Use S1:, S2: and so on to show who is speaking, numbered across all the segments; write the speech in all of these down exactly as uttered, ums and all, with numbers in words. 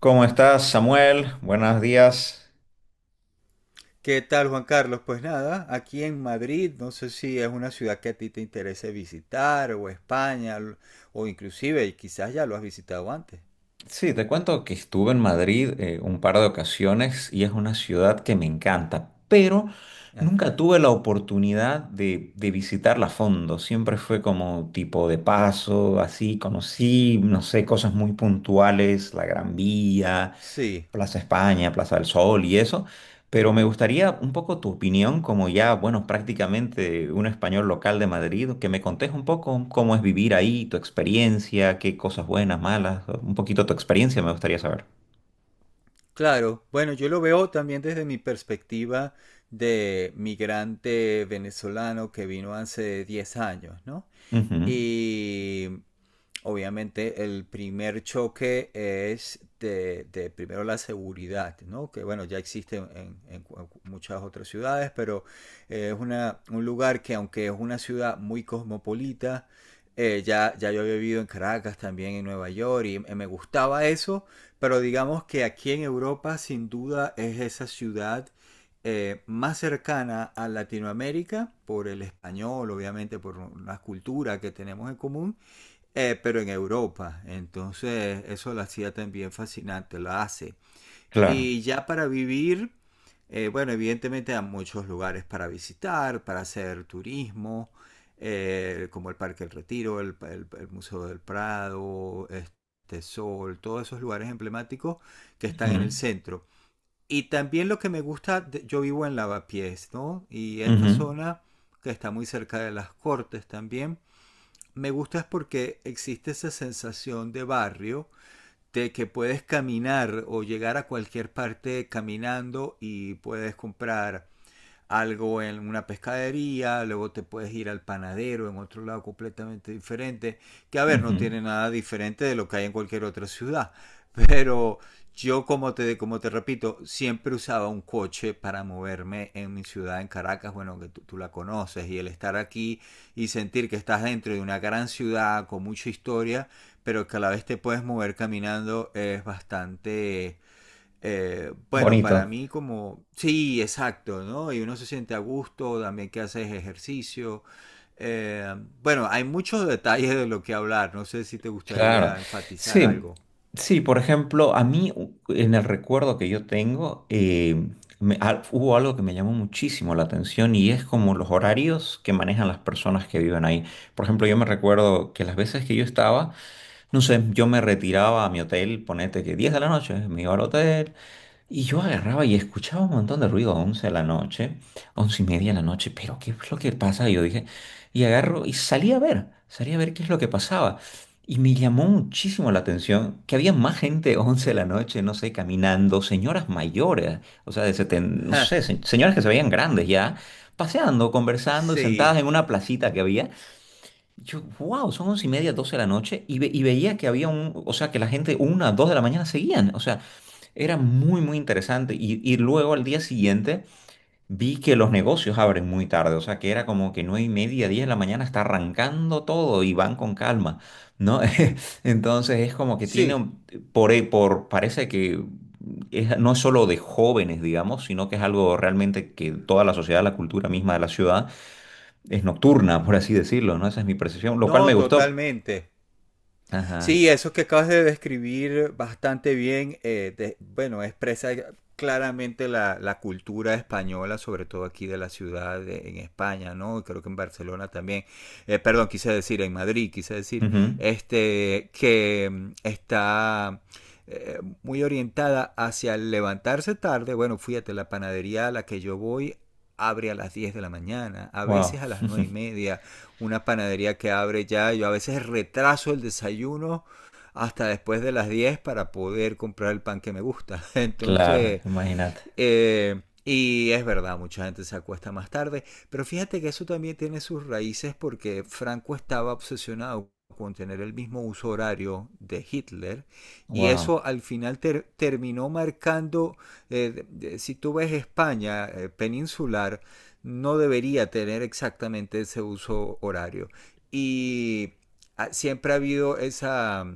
S1: ¿Cómo estás, Samuel? Buenos días.
S2: ¿Qué tal, Juan Carlos? Pues nada, aquí en Madrid, no sé si es una ciudad que a ti te interese visitar, o España, l- o inclusive quizás ya lo has visitado antes.
S1: Sí, te cuento que estuve en Madrid eh, un par de ocasiones y es una ciudad que me encanta, pero nunca
S2: Ajá.
S1: tuve la oportunidad de, de visitarla a fondo. Siempre fue como tipo de paso, así conocí, no sé, cosas muy puntuales, la Gran Vía,
S2: Sí,
S1: Plaza España, Plaza del Sol y eso, pero me gustaría un poco tu opinión como ya, bueno, prácticamente un español local de Madrid, que me contes un poco cómo es vivir ahí, tu experiencia, qué cosas buenas, malas, un poquito tu experiencia me gustaría saber.
S2: claro. Bueno, yo lo veo también desde mi perspectiva de migrante venezolano que vino hace diez años, ¿no?
S1: Ujú,
S2: Y obviamente el primer choque es de, de primero la seguridad, ¿no? Que bueno, ya existe en, en- muchas otras ciudades, pero eh, es una, un lugar que aunque es una ciudad muy cosmopolita, eh, ya, ya yo había vivido en Caracas también, en Nueva York, y eh, me gustaba eso, pero digamos que aquí en Europa sin duda es esa ciudad eh, más cercana a Latinoamérica, por el español, obviamente, por una cultura que tenemos en común, eh, pero en Europa. Entonces, eso la hacía también fascinante, la hace.
S1: claro.
S2: Y ya para vivir, eh, bueno, evidentemente hay muchos lugares para visitar, para hacer turismo, eh, como el Parque del Retiro, el, el- el Museo del Prado, este Sol, todos esos lugares emblemáticos que están
S1: Ujú,
S2: en el centro. Y también lo que me gusta, de- yo vivo en Lavapiés, ¿no? Y esta
S1: ujú,
S2: zona, que está muy cerca de las Cortes también, me gusta es porque existe esa sensación de barrio, de que puedes caminar o llegar a cualquier parte caminando y puedes comprar algo en una pescadería, luego te puedes ir al panadero en otro lado completamente diferente, que a ver, no
S1: ujú.
S2: tiene nada diferente de lo que hay en cualquier otra ciudad, pero yo como te, como te repito, siempre usaba un coche para moverme en mi ciudad, en Caracas, bueno, que tú, tú, la conoces, y el estar aquí y sentir que estás dentro de una gran ciudad con mucha historia, pero que a la vez te puedes mover caminando es bastante eh, bueno, para
S1: Bonito.
S2: mí como, sí, exacto, ¿no? Y uno se siente a gusto, también que haces ejercicio. Eh, bueno, hay muchos detalles de lo que hablar, no sé si te
S1: Claro,
S2: gustaría enfatizar
S1: sí,
S2: algo.
S1: sí, por ejemplo, a mí u- en el recuerdo que yo tengo, eh, me- al- hubo algo que me llamó muchísimo la atención y es como los horarios que manejan las personas que viven ahí. Por ejemplo, yo me recuerdo que las veces que yo estaba, no sé, yo me retiraba a mi hotel, ponete que diez de la noche, me iba al hotel, y yo agarraba y escuchaba un montón de ruido a once de la noche, once y media de la noche, pero ¿qué es lo que pasa? Y yo dije, y agarro y salí a ver, salí a ver qué es lo que pasaba. Y me llamó muchísimo la atención que había más gente once de la noche, no sé, caminando, señoras mayores, o sea, de setenta, no sé, se- señoras que se veían grandes ya, paseando, conversando, sentadas
S2: Sí,
S1: en una placita que había. Yo, wow, son once y media, doce de la noche, y, ve- y veía que había un, o sea, que la gente una, dos de la mañana seguían, o sea, era muy, muy interesante. Y, y luego al día siguiente vi que los negocios abren muy tarde, o sea que era como que nueve y media, diez de la mañana está arrancando todo y van con calma, ¿no? Entonces es como que tiene,
S2: sí,
S1: un- por, e- por parece que es- no es solo de jóvenes, digamos, sino que es algo realmente que toda la sociedad, la cultura misma de la ciudad es nocturna, por así decirlo, ¿no? Esa es mi percepción, lo cual me
S2: no,
S1: gustó.
S2: totalmente.
S1: Ajá.
S2: Sí, eso que acabas de describir bastante bien, eh, de- bueno, expresa claramente la, la cultura española, sobre todo aquí de la ciudad de- en España, ¿no? Y creo que en Barcelona también. Eh, perdón, quise decir, en Madrid, quise decir,
S1: Ujú.
S2: este, que mm, está eh, muy orientada hacia el levantarse tarde. Bueno, fíjate, la panadería a la que yo voy abre a las diez de la mañana, a
S1: Wow.
S2: veces a las nueve y media, una panadería que abre ya. Yo a veces retraso el desayuno hasta después de las diez para poder comprar el pan que me gusta.
S1: Claro,
S2: Entonces,
S1: imagínate.
S2: eh, y es verdad, mucha gente se acuesta más tarde, pero fíjate que eso también tiene sus raíces porque Franco estaba obsesionado con tener el mismo uso horario de Hitler y
S1: Wow.
S2: eso al final ter- terminó marcando, eh, de- si tú ves España eh, peninsular, no debería tener exactamente ese uso horario. Y ah, siempre ha habido esa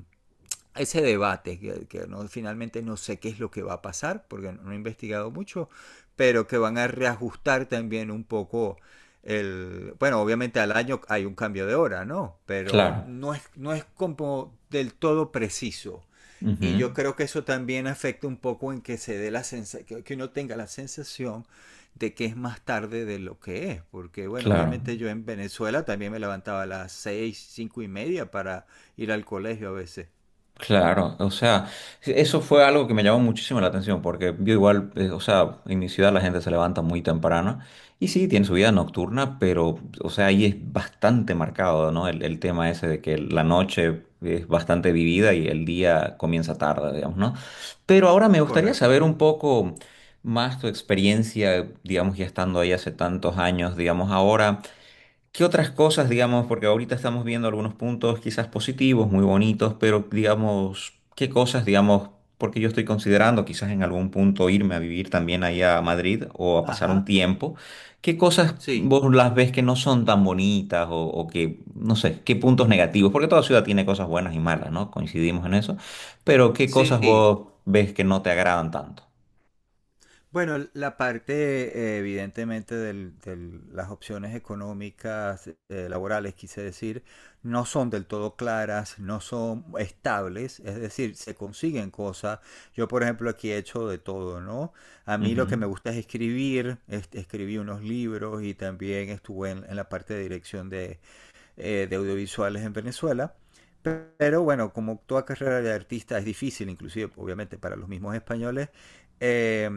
S2: ese debate, que, que no, finalmente no sé qué es lo que va a pasar, porque no he investigado mucho, pero que van a reajustar también un poco el... Bueno, obviamente al año hay un cambio de hora, ¿no? Pero
S1: Claro.
S2: no es, no es como del todo preciso. Y yo
S1: Ujú,
S2: creo que eso también afecta un poco en que se dé la sensación, que uno tenga la sensación de que es más tarde de lo que es, porque bueno,
S1: claro,
S2: obviamente yo en Venezuela también me levantaba a las seis, cinco y media para ir al colegio a veces.
S1: claro. O sea, eso fue algo que me llamó muchísimo la atención porque yo igual, eh, o sea, en mi ciudad la gente se levanta muy temprano y sí, tiene su vida nocturna, pero, o sea, ahí es bastante marcado, ¿no? El, el tema ese de que la noche es bastante vivida y el día comienza tarde, digamos, ¿no? Pero ahora me gustaría
S2: Correcto.
S1: saber un poco más tu experiencia, digamos, ya estando ahí hace tantos años, digamos, ahora. ¿Qué otras cosas, digamos, porque ahorita estamos viendo algunos puntos quizás positivos, muy bonitos, pero digamos, qué cosas, digamos, porque yo estoy considerando quizás en algún punto irme a vivir también ahí a Madrid o a pasar un
S2: Ajá.
S1: tiempo, qué cosas
S2: Sí,
S1: vos las ves que no son tan bonitas o, o que, no sé, qué puntos negativos, porque toda ciudad tiene cosas buenas y malas, ¿no? Coincidimos en eso, pero qué cosas
S2: sí.
S1: vos ves que no te agradan tanto.
S2: Bueno, la parte eh, evidentemente de las opciones económicas, eh, laborales, quise decir, no son del todo claras, no son estables, es decir, se consiguen cosas. Yo, por ejemplo, aquí he hecho de todo, ¿no? A mí
S1: Ujú,
S2: lo que me gusta es escribir, es, escribí unos libros y también estuve en, en la parte de dirección de, eh, de audiovisuales en Venezuela. Pero bueno, como toda carrera de artista es difícil, inclusive obviamente para los mismos españoles, eh,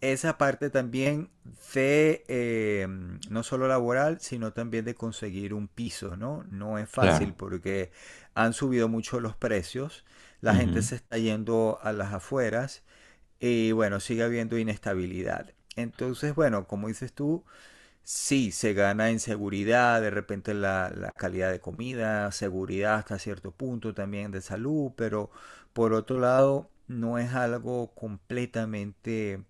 S2: esa parte también de eh, no solo laboral, sino también de conseguir un piso, ¿no? No es fácil
S1: claro,
S2: porque han subido mucho los precios, la gente
S1: ujú.
S2: se está yendo a las afueras y bueno, sigue habiendo inestabilidad. Entonces, bueno, como dices tú, sí, se gana en seguridad, de repente la, la calidad de comida, seguridad hasta cierto punto también de salud, pero por otro lado no es algo completamente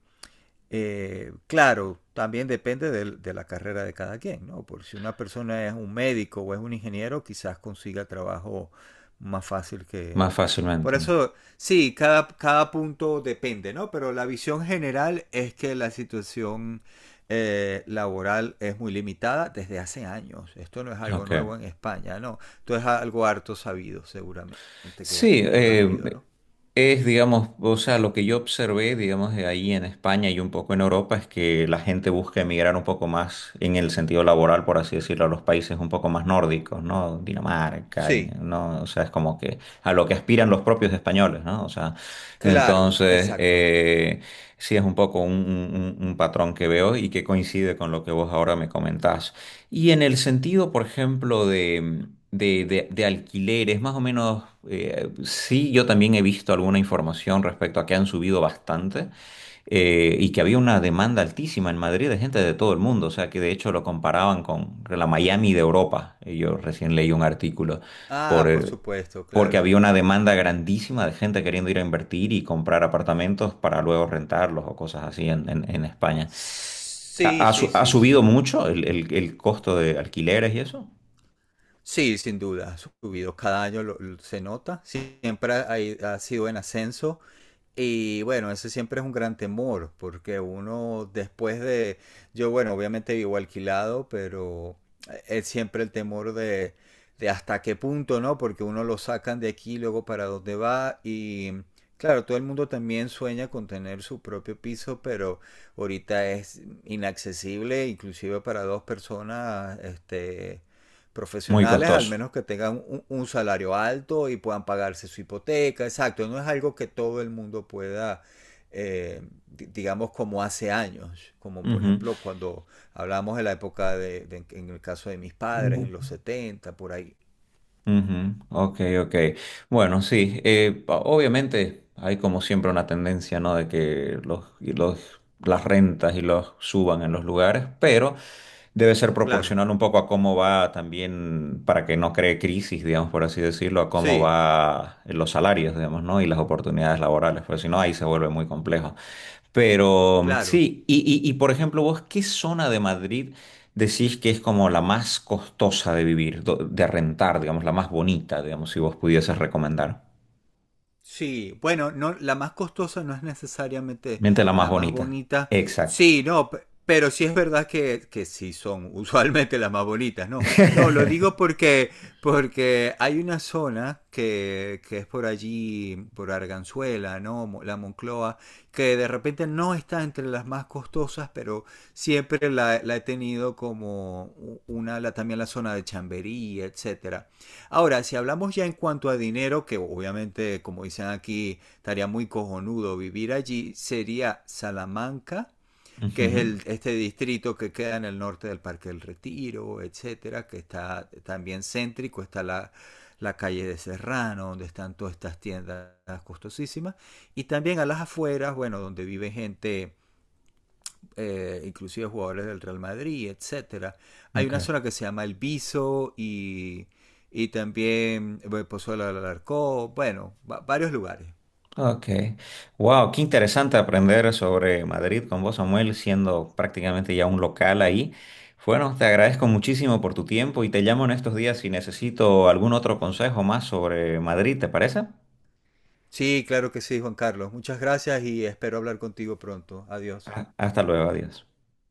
S2: eh, claro, también depende del- de, la carrera de cada quien, ¿no? Por si una persona es un médico o es un ingeniero, quizás consiga trabajo más fácil que...
S1: Más
S2: Por
S1: fácilmente.
S2: eso, sí, cada, cada punto depende, ¿no? Pero la visión general es que la situación eh, laboral es muy limitada desde hace años. Esto no es algo
S1: Ok.
S2: nuevo en España, ¿no? Esto es algo harto sabido, seguramente, que,
S1: Sí,
S2: que ya habrás
S1: eh,
S2: oído, ¿no?
S1: es, digamos, o sea, lo que yo observé, digamos, de ahí en España y un poco en Europa es que la gente busca emigrar un poco más en el sentido laboral, por así decirlo, a los países un poco más nórdicos, ¿no? Dinamarca, y-
S2: Sí,
S1: ¿no? O sea, es como que a lo que aspiran los propios españoles, ¿no? O sea,
S2: claro,
S1: entonces,
S2: exacto.
S1: eh, sí es un poco un, un- un- un patrón que veo y que coincide con lo que vos ahora me comentás. Y en el sentido, por ejemplo, de, de, de- de alquileres, más o menos, eh, sí, yo también he visto alguna información respecto a que han subido bastante eh, y que había una demanda altísima en Madrid de gente de todo el mundo, o sea que de hecho lo comparaban con la Miami de Europa. Eh, Yo recién leí un artículo por,
S2: Ah, por
S1: eh,
S2: supuesto,
S1: porque
S2: claro.
S1: había una demanda grandísima de gente queriendo ir a invertir y comprar apartamentos para luego rentarlos o cosas así en, en en España. ¿Ha,
S2: Sí,
S1: ha su-
S2: sí,
S1: ha
S2: sí,
S1: subido
S2: sí.
S1: mucho el, el- el costo de alquileres y eso?
S2: Sí, sin duda, ha subido. Cada año lo- lo- se nota. Siempre ha, ha ido- ha sido en ascenso. Y bueno, ese siempre es un gran temor, porque uno después de, yo bueno, obviamente vivo alquilado, pero eh, es siempre el temor de, de hasta qué punto, ¿no? Porque uno lo sacan de aquí, luego para dónde va y claro, todo el mundo también sueña con tener su propio piso, pero ahorita es inaccesible, inclusive para dos personas, este,
S1: Muy
S2: profesionales, al
S1: costoso.
S2: menos que tengan un, un, salario alto y puedan pagarse su hipoteca, exacto, no es algo que todo el mundo pueda, eh, digamos, como hace años, como por
S1: Ujú.
S2: ejemplo cuando hablamos de la época de, de, en el caso de mis padres, en los setenta por ahí.
S1: Ujú, ok, ok. Bueno, sí, eh, o- obviamente hay como siempre una tendencia, ¿no? De que los, y los, las rentas y los suban en los lugares, pero debe ser
S2: Claro,
S1: proporcional un poco a cómo va también, para que no cree crisis, digamos, por así decirlo, a cómo
S2: sí,
S1: va los salarios, digamos, ¿no? Y las oportunidades laborales, porque si no, ahí se vuelve muy complejo. Pero
S2: claro.
S1: sí, y, y, y, por ejemplo, vos, ¿qué zona de Madrid decís que es como la más costosa de vivir, do- de rentar, digamos, la más bonita, digamos, si vos pudieses recomendar?
S2: Sí, bueno, no, la más costosa no es necesariamente
S1: Miente la más
S2: la más
S1: bonita.
S2: bonita.
S1: Exacto.
S2: Sí, no, pe- pero sí es verdad que, que, sí son usualmente las más bonitas, ¿no? No, lo digo porque, porque, hay una zona que, que es por allí, por Arganzuela, ¿no? Mo- La Moncloa, que de repente no está entre las más costosas, pero siempre la, la he tenido como u- una, la, también la zona de Chamberí, etcétera. Ahora, si hablamos ya en cuanto a dinero, que obviamente, como dicen aquí, estaría muy cojonudo vivir allí, sería Salamanca, que es
S1: Ujú,
S2: el, este distrito que queda en el norte del Parque del Retiro, etcétera, que está también céntrico, está la, la calle de Serrano, donde están todas estas tiendas costosísimas, y también a las afueras, bueno, donde vive gente eh, inclusive jugadores del Real Madrid, etcétera. Hay
S1: ok,
S2: una zona que se llama El Viso y, y, también eh, Pozuelo del Alarcó, bueno, va- varios lugares.
S1: ok. Wow, qué interesante aprender sobre Madrid con vos, Samuel, siendo prácticamente ya un local ahí. Bueno, te agradezco muchísimo por tu tiempo y te llamo en estos días si necesito algún otro consejo más sobre Madrid, ¿te parece?
S2: Sí, claro que sí, Juan Carlos. Muchas gracias y espero hablar contigo pronto. Adiós.
S1: Ah, hasta luego, adiós.